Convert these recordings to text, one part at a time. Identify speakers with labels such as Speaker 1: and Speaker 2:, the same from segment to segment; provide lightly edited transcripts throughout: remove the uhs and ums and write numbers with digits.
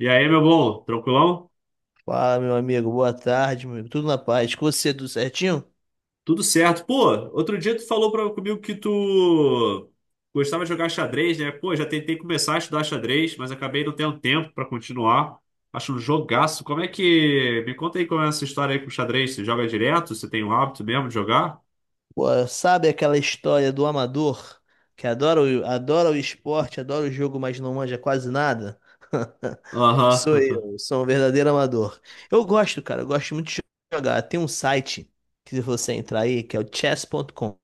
Speaker 1: E aí, meu bom, tranquilão?
Speaker 2: Fala, meu amigo. Boa tarde, meu amigo. Tudo na paz. Com você, tudo certinho?
Speaker 1: Tudo certo. Pô, outro dia tu falou comigo que tu gostava de jogar xadrez, né? Pô, já tentei começar a estudar xadrez, mas acabei não tendo tempo pra continuar. Acho um jogaço. Como é que. Me conta aí como é essa história aí com xadrez. Você joga direto? Você tem o hábito mesmo de jogar?
Speaker 2: Pô, sabe aquela história do amador que adora o esporte, adora o jogo, mas não manja quase nada? Sou
Speaker 1: Aham.
Speaker 2: eu, sou um verdadeiro amador. Eu gosto, cara, eu gosto muito de jogar. Tem um site que se você entrar aí, que é o chess.com.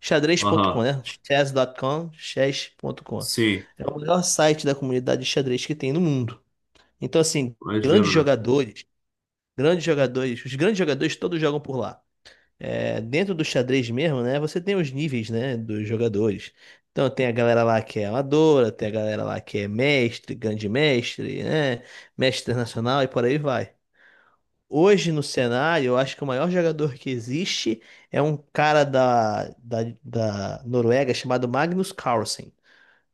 Speaker 2: Xadrez.com,
Speaker 1: Aham.
Speaker 2: né? Chess.com, chess.com.
Speaker 1: Sim,
Speaker 2: É o melhor site da comunidade de xadrez que tem no mundo. Então, assim, grandes
Speaker 1: imagino, né?
Speaker 2: jogadores. Grandes jogadores, os grandes jogadores todos jogam por lá. É, dentro do xadrez mesmo, né? Você tem os níveis, né, dos jogadores. Então tem a galera lá que é amadora, tem a galera lá que é mestre, grande mestre, né? Mestre internacional e por aí vai. Hoje no cenário, eu acho que o maior jogador que existe é um cara da Noruega chamado Magnus Carlsen.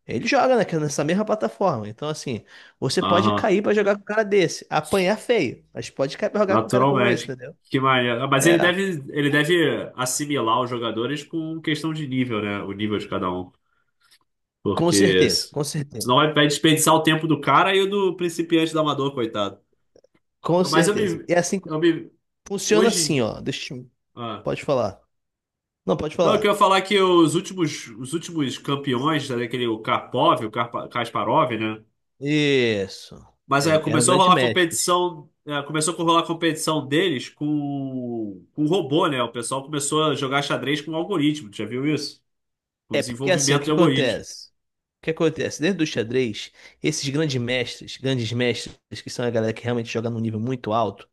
Speaker 2: Ele joga nessa mesma plataforma. Então, assim, você pode
Speaker 1: Aham.
Speaker 2: cair pra jogar com um cara desse, apanhar feio, mas pode cair pra jogar com um cara como esse,
Speaker 1: Naturalmente.
Speaker 2: entendeu?
Speaker 1: Que maneiro. Ah, mas
Speaker 2: É,
Speaker 1: ele deve assimilar os jogadores com questão de nível, né? O nível de cada um.
Speaker 2: com
Speaker 1: Porque
Speaker 2: certeza,
Speaker 1: s-
Speaker 2: com
Speaker 1: Senão
Speaker 2: certeza,
Speaker 1: vai desperdiçar o tempo do cara e o do principiante do amador, coitado.
Speaker 2: com
Speaker 1: Mas
Speaker 2: certeza. E é assim,
Speaker 1: eu me
Speaker 2: funciona assim,
Speaker 1: hoje,
Speaker 2: ó. Deixa eu.
Speaker 1: ah,
Speaker 2: Pode falar. Não, pode
Speaker 1: não, eu
Speaker 2: falar.
Speaker 1: queria falar que os últimos campeões, né, aquele o Karpov, o Kasparov, né?
Speaker 2: Isso.
Speaker 1: Mas é,
Speaker 2: É, eram
Speaker 1: começou a
Speaker 2: grandes
Speaker 1: rolar
Speaker 2: mestres.
Speaker 1: competição, é, começou a rolar competição deles com robô, né? O pessoal começou a jogar xadrez com algoritmo, tu já viu isso? Com
Speaker 2: É porque assim, o
Speaker 1: desenvolvimento de
Speaker 2: que
Speaker 1: algoritmo.
Speaker 2: acontece? O que acontece? Dentro do xadrez, esses grandes mestres, que são a galera que realmente joga num nível muito alto,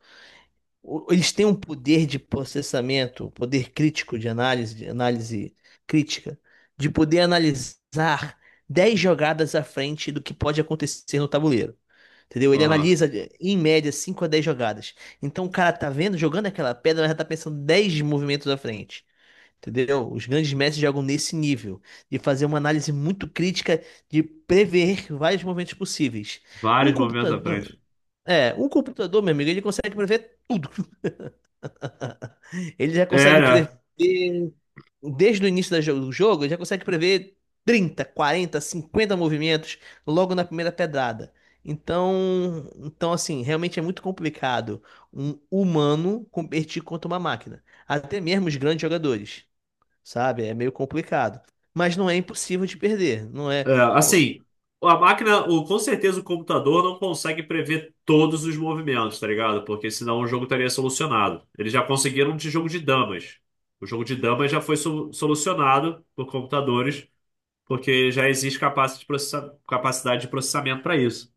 Speaker 2: eles têm um poder de processamento, poder crítico de análise crítica, de poder analisar 10 jogadas à frente do que pode acontecer no tabuleiro. Entendeu? Ele
Speaker 1: Aham.
Speaker 2: analisa, em média, 5 a 10 jogadas. Então o cara tá vendo, jogando aquela pedra, mas já tá pensando 10 movimentos à frente. Entendeu? Os grandes mestres jogam nesse nível, de fazer uma análise muito crítica, de prever vários movimentos possíveis. Um
Speaker 1: Vários movimentos à
Speaker 2: computador,
Speaker 1: frente.
Speaker 2: um computador, meu amigo, ele consegue prever tudo. Ele já consegue prever,
Speaker 1: Era.
Speaker 2: desde o início do jogo, ele já consegue prever 30, 40, 50 movimentos logo na primeira pedrada. Então assim, realmente é muito complicado um humano competir contra uma máquina. Até mesmo os grandes jogadores, sabe? É meio complicado. Mas não é impossível de perder, não é?
Speaker 1: É, assim, a máquina, o, com certeza o computador não consegue prever todos os movimentos, tá ligado? Porque senão o jogo estaria solucionado. Eles já conseguiram de jogo de damas. O jogo de damas já foi solucionado por computadores, porque já existe capacidade de processamento para isso.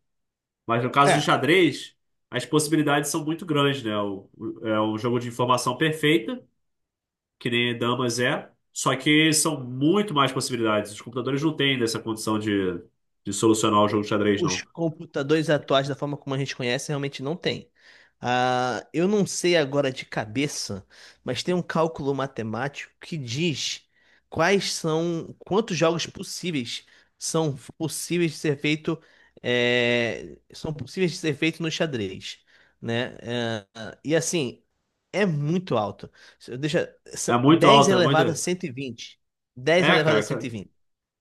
Speaker 1: Mas no caso de
Speaker 2: É,
Speaker 1: xadrez, as possibilidades são muito grandes, né? É um jogo de informação perfeita que nem damas é, só que são muito mais possibilidades. Os computadores não têm dessa condição de solucionar o
Speaker 2: o-
Speaker 1: jogo de xadrez,
Speaker 2: os
Speaker 1: não.
Speaker 2: computadores atuais, da forma como a gente conhece, realmente não tem. Ah, eu não sei agora de cabeça, mas tem um cálculo matemático que diz quantos jogos possíveis são possíveis de ser feito, são possíveis de ser feito no xadrez, né? Ah, e assim, é muito alto.
Speaker 1: É muito
Speaker 2: 10
Speaker 1: alto, é muito.
Speaker 2: elevado a 120, 10
Speaker 1: É,
Speaker 2: elevado a
Speaker 1: cara,
Speaker 2: 120.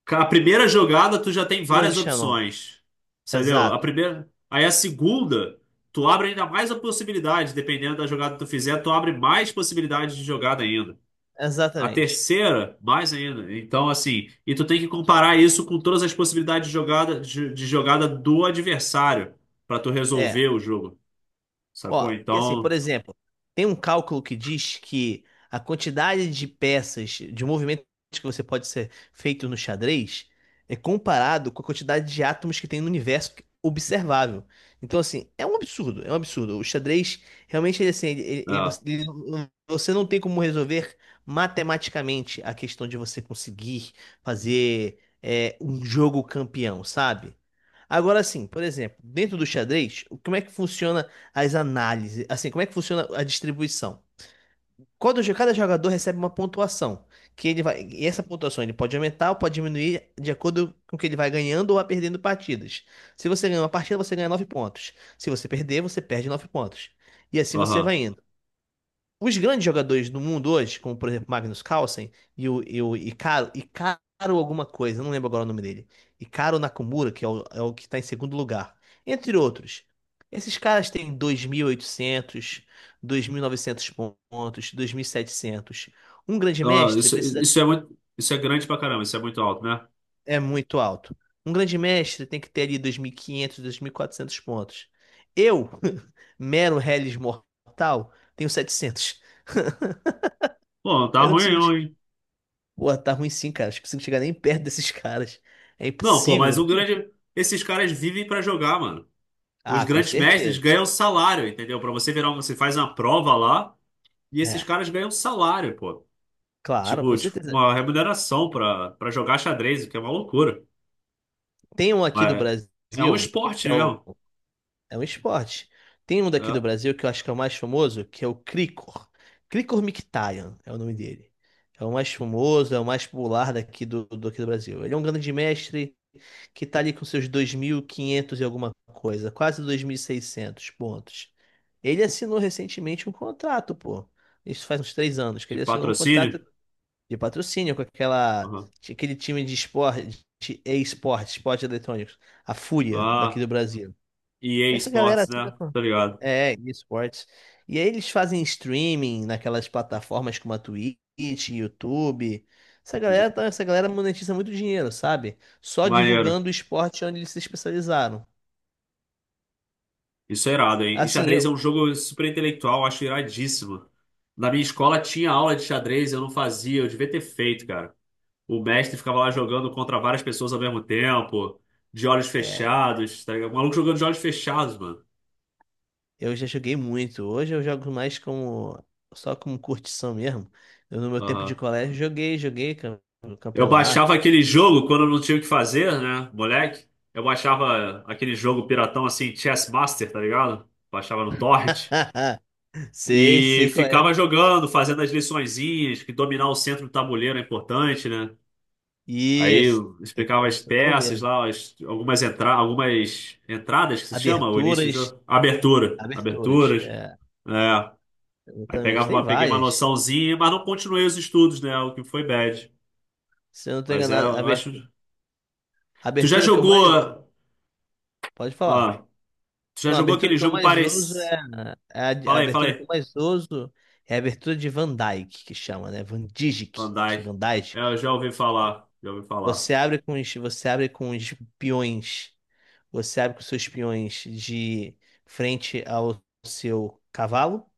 Speaker 1: a primeira jogada tu já tem
Speaker 2: Número de
Speaker 1: várias
Speaker 2: Shannon.
Speaker 1: opções, entendeu? A
Speaker 2: Exato.
Speaker 1: primeira. Aí a segunda, tu abre ainda mais a possibilidade, dependendo da jogada que tu fizer, tu abre mais possibilidades de jogada ainda. A
Speaker 2: Exatamente.
Speaker 1: terceira, mais ainda. Então, assim, e tu tem que comparar isso com todas as possibilidades de jogada, de jogada do adversário para tu
Speaker 2: É,
Speaker 1: resolver o jogo, sacou?
Speaker 2: ó, porque assim, por
Speaker 1: Então,
Speaker 2: exemplo, tem um cálculo que diz que a quantidade de peças, de movimentos que você pode ser feito no xadrez é comparado com a quantidade de átomos que tem no universo observável. Então, assim, é um absurdo, é um absurdo. O xadrez, realmente, ele, assim,
Speaker 1: é,
Speaker 2: você não tem como resolver matematicamente a questão de você conseguir fazer um jogo campeão, sabe? Agora sim, por exemplo, dentro do xadrez, como é que funciona? As análises, assim, como é que funciona a distribuição? Quando cada jogador recebe uma pontuação, e essa pontuação ele pode aumentar ou pode diminuir de acordo com o que ele vai ganhando ou vai perdendo partidas. Se você ganhar uma partida, você ganha 9 pontos. Se você perder, você perde 9 pontos. E assim você
Speaker 1: aham.
Speaker 2: vai indo. Os grandes jogadores do mundo hoje, como por exemplo Magnus Carlsen e o Icaro alguma coisa, eu não lembro agora o nome dele. Icaro Nakamura, que é o que está em segundo lugar. Entre outros. Esses caras têm 2.800, 2.900 pontos, 2.700. Um grande
Speaker 1: Não,
Speaker 2: mestre
Speaker 1: isso,
Speaker 2: precisa...
Speaker 1: isso é muito, isso é grande pra caramba, isso é muito alto, né?
Speaker 2: É muito alto. Um grande mestre tem que ter ali 2.500, 2.400 pontos. Eu, mero Hellis mortal, tenho 700.
Speaker 1: Pô, não tá
Speaker 2: Eu não
Speaker 1: ruim
Speaker 2: consigo.
Speaker 1: não, hein?
Speaker 2: Pô, tá ruim sim, cara. Acho que você não chega nem perto desses caras. É
Speaker 1: Não, pô, mas
Speaker 2: impossível.
Speaker 1: o grande, esses caras vivem pra jogar, mano. Os
Speaker 2: Ah, com
Speaker 1: grandes mestres
Speaker 2: certeza.
Speaker 1: ganham salário, entendeu? Pra você virar, você faz uma prova lá e esses
Speaker 2: É,
Speaker 1: caras ganham salário, pô.
Speaker 2: claro,
Speaker 1: Tipo,
Speaker 2: com
Speaker 1: tipo
Speaker 2: certeza.
Speaker 1: uma remuneração pra jogar xadrez, o que é uma loucura.
Speaker 2: Tem um aqui do
Speaker 1: Mas
Speaker 2: Brasil
Speaker 1: é um
Speaker 2: que
Speaker 1: esporte
Speaker 2: é, o,
Speaker 1: mesmo,
Speaker 2: é um esporte. Tem um daqui do
Speaker 1: né?
Speaker 2: Brasil que eu acho que é o mais famoso, que é o Cricor. Cricor Mkhitaryan é o nome dele. É o mais famoso, é o mais popular daqui aqui do Brasil. Ele é um grande mestre, que está ali com seus 2.500 e quinhentos e alguma coisa, quase 2.600 pontos. Ele assinou recentemente um contrato, pô. Isso faz uns 3 anos que
Speaker 1: De
Speaker 2: ele assinou um contrato
Speaker 1: patrocínio.
Speaker 2: de patrocínio com
Speaker 1: Uhum.
Speaker 2: aquele time de esporte, de e-esporte, esporte eletrônicos, a Fúria daqui
Speaker 1: Ah,
Speaker 2: do Brasil.
Speaker 1: EA
Speaker 2: Essa galera
Speaker 1: Sports,
Speaker 2: assina
Speaker 1: né?
Speaker 2: com.
Speaker 1: Tô ligado.
Speaker 2: É, esportes. E aí eles fazem streaming naquelas plataformas como a Twitch, YouTube. Essa galera monetiza muito dinheiro, sabe? Só
Speaker 1: Maneiro.
Speaker 2: divulgando o esporte onde eles se especializaram.
Speaker 1: Isso é irado, hein? E
Speaker 2: Assim,
Speaker 1: xadrez é um jogo super intelectual, eu acho iradíssimo. Na minha escola tinha aula de xadrez, eu não fazia, eu devia ter feito, cara. O mestre ficava lá jogando contra várias pessoas ao mesmo tempo, de olhos
Speaker 2: é,
Speaker 1: fechados, tá ligado? O maluco jogando de olhos fechados, mano.
Speaker 2: eu já joguei muito. Hoje eu jogo mais como só como curtição mesmo. Eu, no meu tempo de
Speaker 1: Aham.
Speaker 2: colégio joguei
Speaker 1: Eu baixava
Speaker 2: campeonato.
Speaker 1: aquele jogo quando eu não tinha o que fazer, né, moleque? Eu baixava aquele jogo piratão assim, Chess Master, tá ligado? Baixava no torrent.
Speaker 2: Sei,
Speaker 1: E
Speaker 2: sei qual é.
Speaker 1: ficava jogando, fazendo as liçõezinhas, que dominar o centro do tabuleiro é importante, né? Aí
Speaker 2: Isso.
Speaker 1: eu
Speaker 2: Tem que
Speaker 1: explicava
Speaker 2: dar
Speaker 1: as
Speaker 2: nossa
Speaker 1: peças
Speaker 2: tabuleiro.
Speaker 1: lá, algumas, entra algumas entradas que se chama, o início do
Speaker 2: Aberturas,
Speaker 1: jogo. Abertura.
Speaker 2: aberturas.
Speaker 1: Aberturas.
Speaker 2: É,
Speaker 1: É. Aí
Speaker 2: exatamente.
Speaker 1: pegava
Speaker 2: Tem
Speaker 1: uma, peguei uma
Speaker 2: várias.
Speaker 1: noçãozinha, mas não continuei os estudos, né? O que foi bad.
Speaker 2: Se eu não tô
Speaker 1: Mas é,
Speaker 2: enganado,
Speaker 1: eu acho.
Speaker 2: a
Speaker 1: Tu já
Speaker 2: abertura que eu
Speaker 1: jogou.
Speaker 2: mais. Pode falar.
Speaker 1: Ó, tu já
Speaker 2: Não, a
Speaker 1: jogou
Speaker 2: abertura
Speaker 1: aquele
Speaker 2: que eu
Speaker 1: jogo
Speaker 2: mais uso
Speaker 1: parecido.
Speaker 2: a
Speaker 1: Fala aí, fala
Speaker 2: abertura que eu
Speaker 1: aí.
Speaker 2: mais uso é a abertura de Van Dyke, que chama, né? Van Dijk,
Speaker 1: Andai.
Speaker 2: Van Dijk.
Speaker 1: Eu já ouvi falar. Já ouvi falar.
Speaker 2: Você abre com os peões. Você abre com os seus peões de frente ao seu cavalo,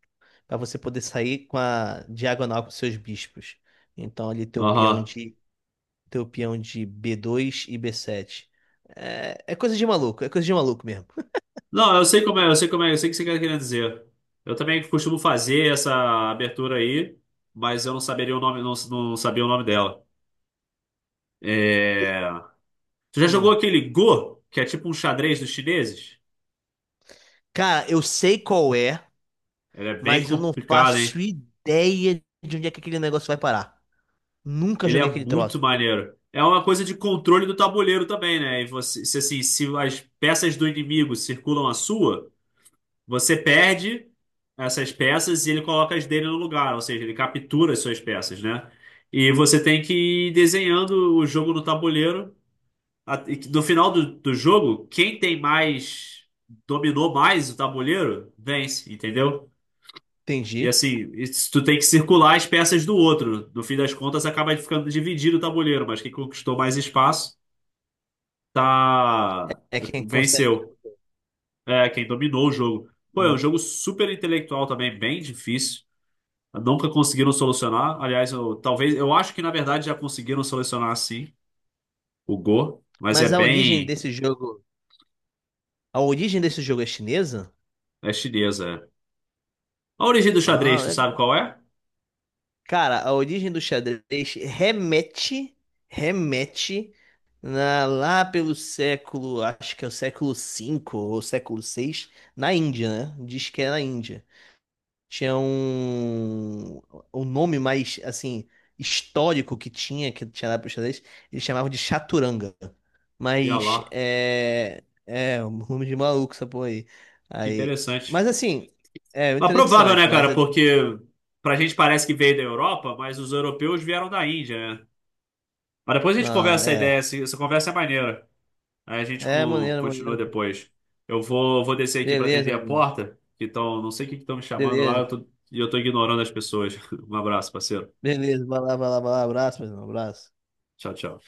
Speaker 2: para você poder sair com a diagonal com os seus bispos. Então, ali teu peão
Speaker 1: Aham.
Speaker 2: de teu peão de b2 e b7. É coisa de maluco, é coisa de maluco mesmo.
Speaker 1: Não, eu sei como é, eu sei como é, eu sei o que você querer dizer. Eu também costumo fazer essa abertura aí, mas eu não saberia o nome, não sabia o nome dela. É... Tu já jogou
Speaker 2: Hum.
Speaker 1: aquele Go, que é tipo um xadrez dos chineses?
Speaker 2: Cara, eu sei qual é,
Speaker 1: Ele é bem
Speaker 2: mas eu não
Speaker 1: complicado,
Speaker 2: faço
Speaker 1: hein?
Speaker 2: ideia de onde é que aquele negócio vai parar. Nunca
Speaker 1: Ele é
Speaker 2: joguei aquele
Speaker 1: muito
Speaker 2: troço.
Speaker 1: maneiro. É uma coisa de controle do tabuleiro também, né? E você, se, assim, se as peças do inimigo circulam a sua. Você perde essas peças e ele coloca as dele no lugar, ou seja, ele captura as suas peças, né? E você tem que ir desenhando o jogo no tabuleiro. A- e que No final do jogo, quem tem mais, dominou mais o tabuleiro, vence, entendeu? E
Speaker 2: Entendi.
Speaker 1: assim, tu tem que circular as peças do outro. No fim das contas, acaba ficando dividido o tabuleiro, mas quem conquistou mais espaço tá
Speaker 2: É quem consegue.
Speaker 1: venceu. É, quem dominou o jogo. Pô, é um
Speaker 2: Hum.
Speaker 1: jogo super intelectual também, bem difícil. Nunca conseguiram solucionar. Aliás, eu, talvez, eu acho que na verdade já conseguiram solucionar sim, o Go, mas é
Speaker 2: Mas a origem
Speaker 1: bem.
Speaker 2: desse jogo, a origem desse jogo é chinesa?
Speaker 1: É chinesa. É. A origem do xadrez, tu
Speaker 2: Ah,
Speaker 1: sabe qual é?
Speaker 2: cara, a origem do xadrez remete lá pelo século, acho que é o século V ou século VI, na Índia, né? Diz que é na Índia. Tinha um nome mais, assim, histórico que tinha, lá pro xadrez, eles chamavam de chaturanga.
Speaker 1: E olha
Speaker 2: Mas
Speaker 1: lá,
Speaker 2: é um nome de maluco essa porra aí.
Speaker 1: que
Speaker 2: Aí,
Speaker 1: interessante.
Speaker 2: mas assim, é
Speaker 1: Mas provável, né,
Speaker 2: interessante,
Speaker 1: cara? Porque pra gente parece que veio da Europa, mas os europeus vieram da Índia, né? Mas depois a gente
Speaker 2: não,
Speaker 1: conversa essa ideia,
Speaker 2: é,
Speaker 1: essa conversa é maneira. Aí a gente
Speaker 2: é maneiro,
Speaker 1: continua
Speaker 2: maneiro.
Speaker 1: depois. Eu vou, vou descer aqui pra atender
Speaker 2: Beleza,
Speaker 1: a
Speaker 2: meu amigo.
Speaker 1: porta, que tão, não sei o que estão me chamando lá,
Speaker 2: Beleza.
Speaker 1: eu tô ignorando as pessoas. Um abraço, parceiro.
Speaker 2: Beleza. Vai lá, vai lá, vai lá. Abraço, meu irmão. Abraço.
Speaker 1: Tchau, tchau.